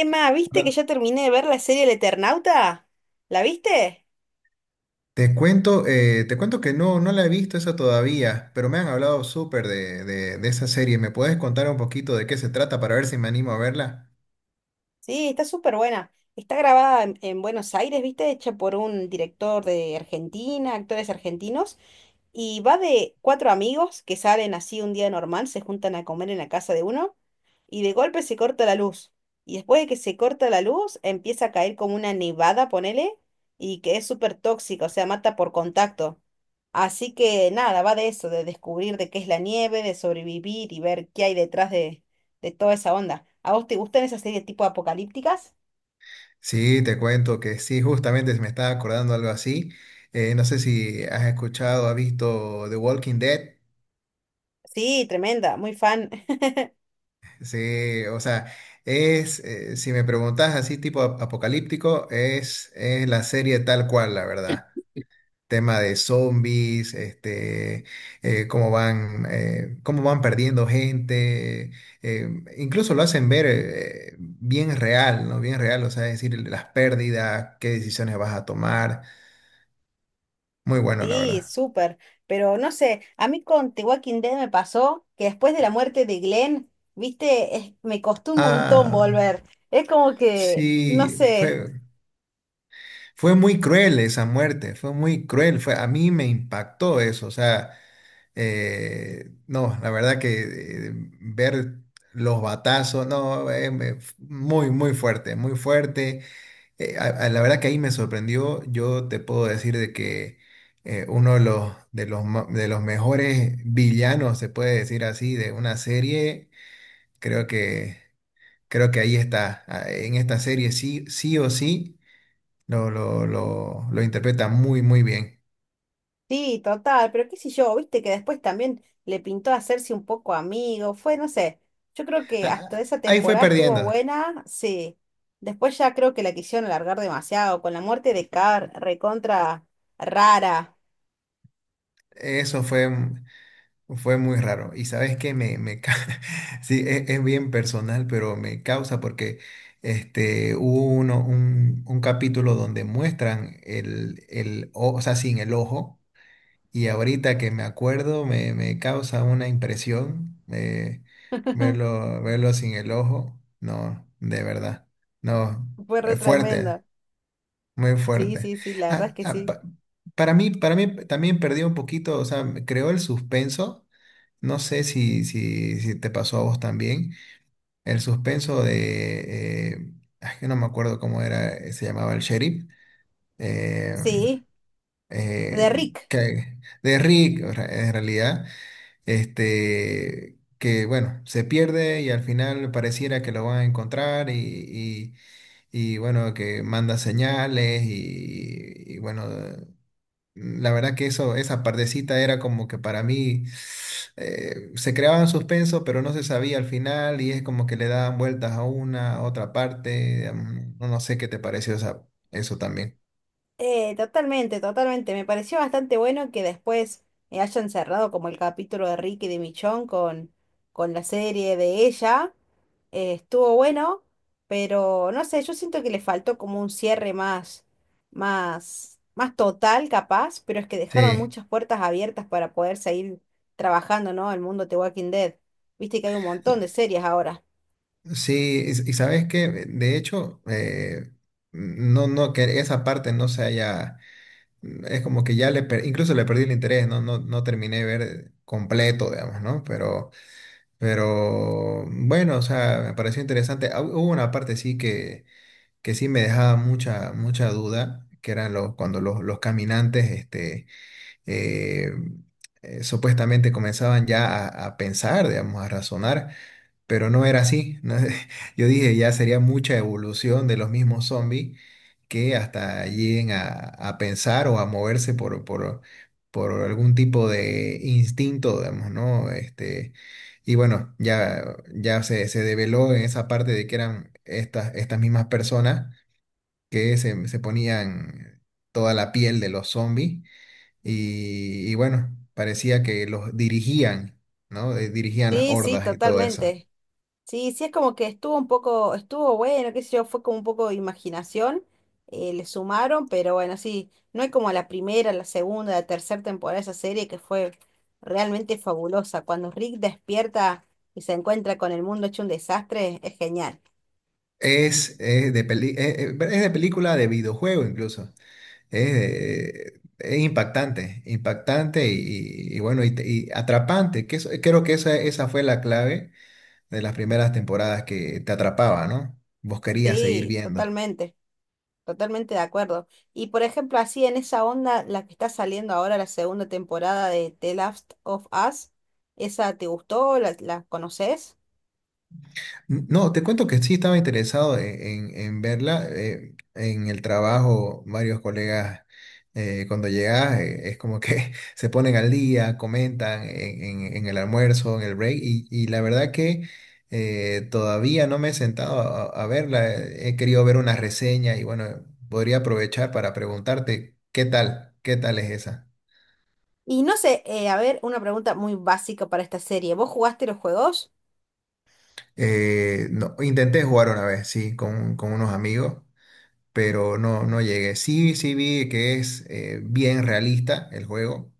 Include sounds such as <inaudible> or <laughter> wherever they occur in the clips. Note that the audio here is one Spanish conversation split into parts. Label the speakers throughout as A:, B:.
A: Emma, ¿viste que
B: Hola.
A: ya terminé de ver la serie El Eternauta? ¿La viste?
B: Te cuento que no la he visto esa todavía, pero me han hablado súper de esa serie. ¿Me puedes contar un poquito de qué se trata para ver si me animo a verla?
A: Sí, está súper buena. Está grabada en Buenos Aires, ¿viste? Hecha por un director de Argentina, actores argentinos. Y va de cuatro amigos que salen así un día normal, se juntan a comer en la casa de uno y de golpe se corta la luz. Y después de que se corta la luz, empieza a caer como una nevada, ponele, y que es súper tóxica, o sea, mata por contacto. Así que nada, va de eso, de descubrir de qué es la nieve, de sobrevivir y ver qué hay detrás de toda esa onda. ¿A vos te gustan esas series tipo apocalípticas?
B: Sí, te cuento que sí, justamente me estaba acordando algo así. No sé si has escuchado, has visto The Walking Dead.
A: Sí, tremenda, muy fan.
B: Sí, o sea, es, si me preguntas así tipo apocalíptico, es la serie tal cual, la verdad. Tema de zombies, este, cómo van perdiendo gente, eh, incluso lo hacen ver bien real, ¿no? Bien real, o sea, es decir, las pérdidas, qué decisiones vas a tomar, muy bueno, la
A: Sí,
B: verdad.
A: súper. Pero no sé, a mí con The Walking Dead me pasó que después de la muerte de Glenn, viste, me costó un montón
B: Ah,
A: volver. Es como que, no
B: sí,
A: sé,
B: fue muy cruel esa muerte, fue muy cruel, fue, a mí me impactó eso, o sea... No, la verdad que eh, ver los batazos, no, muy, muy fuerte, muy fuerte. La verdad que ahí me sorprendió. Yo te puedo decir de que uno de de los mejores villanos, se puede decir así, de una serie, creo que, creo que ahí está. Ah, en esta serie sí, sí o sí, lo interpreta muy, muy bien.
A: sí, total, pero qué sé yo, viste que después también le pintó hacerse un poco amigo, fue, no sé, yo creo que
B: Ah,
A: hasta
B: ah,
A: esa
B: ahí fue
A: temporada estuvo
B: perdiendo.
A: buena, sí. Después ya creo que la quisieron alargar demasiado, con la muerte de Carr, recontra rara.
B: Eso fue. Fue muy raro. Y sabes que <laughs> sí, es bien personal, pero me causa porque este, hubo un capítulo donde muestran el o sea, sin el ojo. Y ahorita que me acuerdo, me causa una impresión
A: <laughs>
B: verlo, verlo sin el ojo. No, de verdad. No,
A: Fue re
B: es fuerte,
A: tremendo.
B: muy
A: Sí,
B: fuerte.
A: sí, sí, la verdad es
B: Ah,
A: que
B: ah,
A: sí.
B: para mí también perdió un poquito, o sea, creó el suspenso. No sé si te pasó a vos también. El suspenso de... ay, que no me acuerdo cómo era, se llamaba el sheriff. eh,
A: Sí. De
B: eh,
A: Rick,
B: que- de Rick, o sea, en realidad. Este, que bueno, se pierde y al final pareciera que lo van a encontrar y, bueno, que manda señales bueno... La verdad que eso, esa partecita era como que para mí se creaban suspenso, pero no se sabía al final y es como que le daban vueltas a una, a otra parte. No no sé qué te pareció eso también.
A: totalmente, totalmente. Me pareció bastante bueno que después hayan cerrado como el capítulo de Rick y de Michonne con la serie de ella. Estuvo bueno, pero no sé, yo siento que le faltó como un cierre más, más, más total, capaz, pero es que dejaron
B: Sí,
A: muchas puertas abiertas para poder seguir trabajando, ¿no? El mundo de Walking Dead. Viste que hay un montón de series ahora.
B: sí, y sabes que de hecho, no, que esa parte no se haya, es como que ya le, incluso le perdí el interés, no terminé de ver completo, digamos, ¿no? Pero bueno, o sea, me pareció interesante. Ah, hubo una parte sí que sí me dejaba mucha, mucha duda, que eran los, cuando los caminantes este, eh, supuestamente comenzaban ya a pensar, digamos, a razonar, pero no era así. ¿No? <laughs> Yo dije, ya sería mucha evolución de los mismos zombies que hasta lleguen a pensar o a moverse por algún tipo de instinto, digamos, ¿no? Este, y bueno, ya se develó en esa parte de que eran estas mismas personas que se ponían toda la piel de los zombies y bueno, parecía que los dirigían, ¿no? Dirigían las
A: Sí, sí,
B: hordas y todo eso.
A: totalmente. Sí, sí, es como que estuvo un poco, estuvo bueno, qué sé yo, fue como un poco de imaginación, le sumaron, pero bueno, sí, no hay como la primera, la segunda, la tercera temporada de esa serie que fue realmente fabulosa. Cuando Rick despierta y se encuentra con el mundo hecho un desastre, es genial.
B: Es de película, de videojuego incluso. Es impactante, impactante y bueno, y atrapante. Creo que esa fue la clave de las primeras temporadas que te atrapaba, ¿no? Vos querías seguir
A: Sí,
B: viendo.
A: totalmente, totalmente de acuerdo. Y por ejemplo, así en esa onda, la que está saliendo ahora, la segunda temporada de The Last of Us, ¿esa te gustó? ¿La, la conoces?
B: No, te cuento que sí estaba interesado en verla. En el trabajo, varios colegas, cuando llegas, es como que <laughs> se ponen al día, comentan en el almuerzo, en el break, y la verdad que todavía no me he sentado a verla. He querido ver una reseña y bueno, podría aprovechar para preguntarte, ¿qué tal? ¿Qué tal es esa?
A: Y no sé, a ver, una pregunta muy básica para esta serie. ¿Vos jugaste los juegos?
B: No, intenté jugar una vez, sí, con unos amigos. Pero no, no llegué. Sí, sí vi que es bien realista el juego,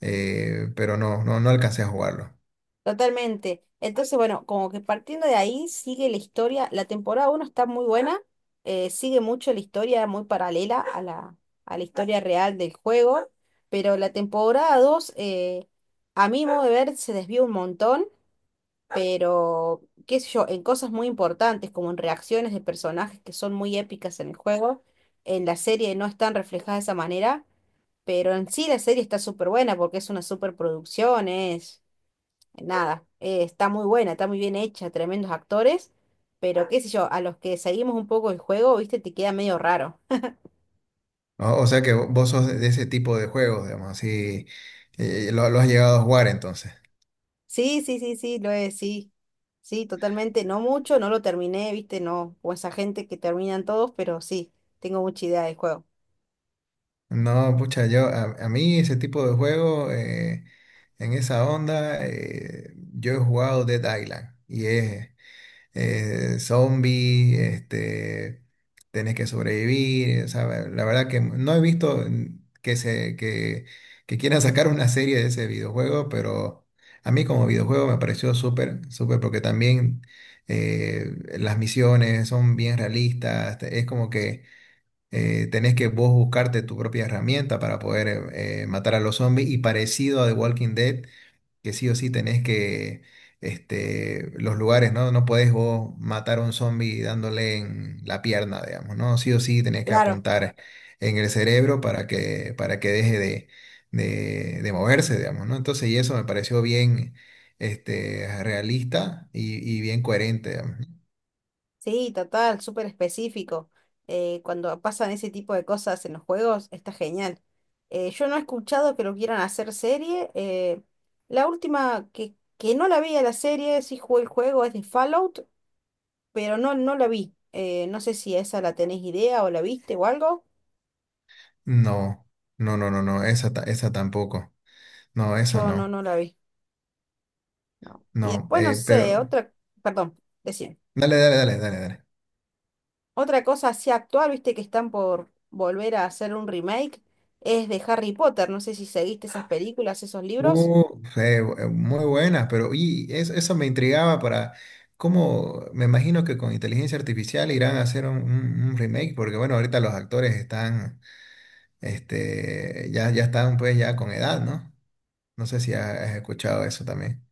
B: pero no alcancé a jugarlo.
A: Totalmente. Entonces, bueno, como que partiendo de ahí sigue la historia. La temporada uno está muy buena, sigue mucho la historia muy paralela a la historia real del juego, pero la temporada 2 a mi modo de ver, se desvió un montón, pero qué sé yo, en cosas muy importantes, como en reacciones de personajes que son muy épicas en el juego, en la serie no están reflejadas de esa manera. Pero en sí la serie está súper buena porque es una súper producción, es nada, está muy buena, está muy bien hecha, tremendos actores, pero qué sé yo, a los que seguimos un poco el juego, viste, te queda medio raro. <laughs>
B: O sea que vos sos de ese tipo de juegos, digamos, así, lo has llegado a jugar entonces.
A: Sí, sí, sí, sí, lo es, sí. Sí, totalmente, no mucho, no lo terminé, viste, no, o esa gente que terminan todos, pero sí, tengo mucha idea del juego.
B: No, pucha, yo, a mí ese tipo de juego, en esa onda, yo he jugado Dead Island y es, zombie, este, tenés que sobrevivir. O sea, la verdad que no he visto que quieran sacar una serie de ese videojuego, pero a mí como videojuego me pareció súper, súper, porque también eh, las misiones son bien realistas, es como que... Tenés que vos buscarte tu propia herramienta para poder matar a los zombies y parecido a The Walking Dead, que sí o sí tenés que, este, los lugares, ¿no? No podés vos matar a un zombie dándole en la pierna, digamos, ¿no? Sí o sí tenés que
A: Claro.
B: apuntar en el cerebro para que deje de moverse, digamos, ¿no? Entonces, y eso me pareció bien, este, realista y bien coherente, digamos.
A: Sí, total, súper específico. Cuando pasan ese tipo de cosas en los juegos, está genial. Yo no he escuchado que lo quieran hacer serie. La última que no la vi a la serie, sí jugué el juego, es de Fallout, pero no, no la vi. No sé si esa la tenés idea o la viste o algo.
B: No, no, esa, esa tampoco. No, esa
A: Yo no,
B: no,
A: no la vi. No. Y
B: no,
A: después, no sé,
B: pero
A: otra, perdón, decime.
B: dale, dale, dale, dale, dale.
A: Otra cosa así actual, viste que están por volver a hacer un remake, es de Harry Potter. No sé si seguiste esas películas, esos libros.
B: Muy buenas, pero eso, me intrigaba para cómo, me imagino que con inteligencia artificial irán a hacer un remake, porque bueno, ahorita los actores están, este, ya, ya están pues ya con edad, ¿no? No sé si has escuchado eso también.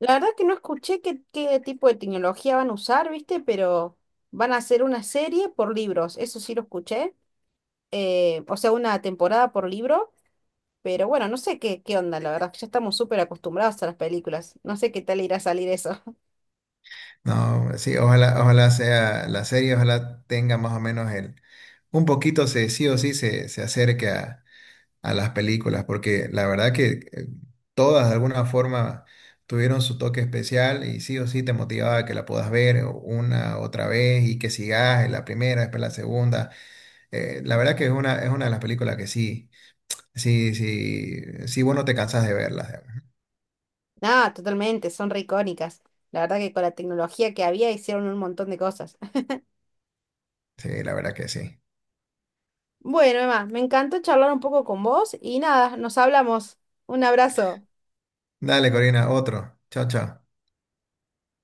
A: La verdad que no escuché qué, qué tipo de tecnología van a usar, viste, pero van a hacer una serie por libros. Eso sí lo escuché. O sea, una temporada por libro. Pero bueno, no sé qué, qué onda, la verdad, que ya estamos súper acostumbrados a las películas. No sé qué tal irá a salir eso.
B: No, sí, ojalá, ojalá sea la serie, ojalá tenga más o menos el, un poquito sí o sí se acerque a las películas, porque la verdad que todas de alguna forma tuvieron su toque especial y sí o sí te motivaba a que la puedas ver una otra vez y que sigas en la primera, después la segunda. La verdad que es es una de las películas que sí, vos no te cansás de verlas.
A: <laughs> Nada, totalmente, son re icónicas. La verdad que con la tecnología que había hicieron un montón de cosas.
B: Sí, la verdad que sí.
A: Bueno, Emma, me encantó charlar un poco con vos y nada, nos hablamos. Un abrazo.
B: Dale, Corina, otro. Chao, chao.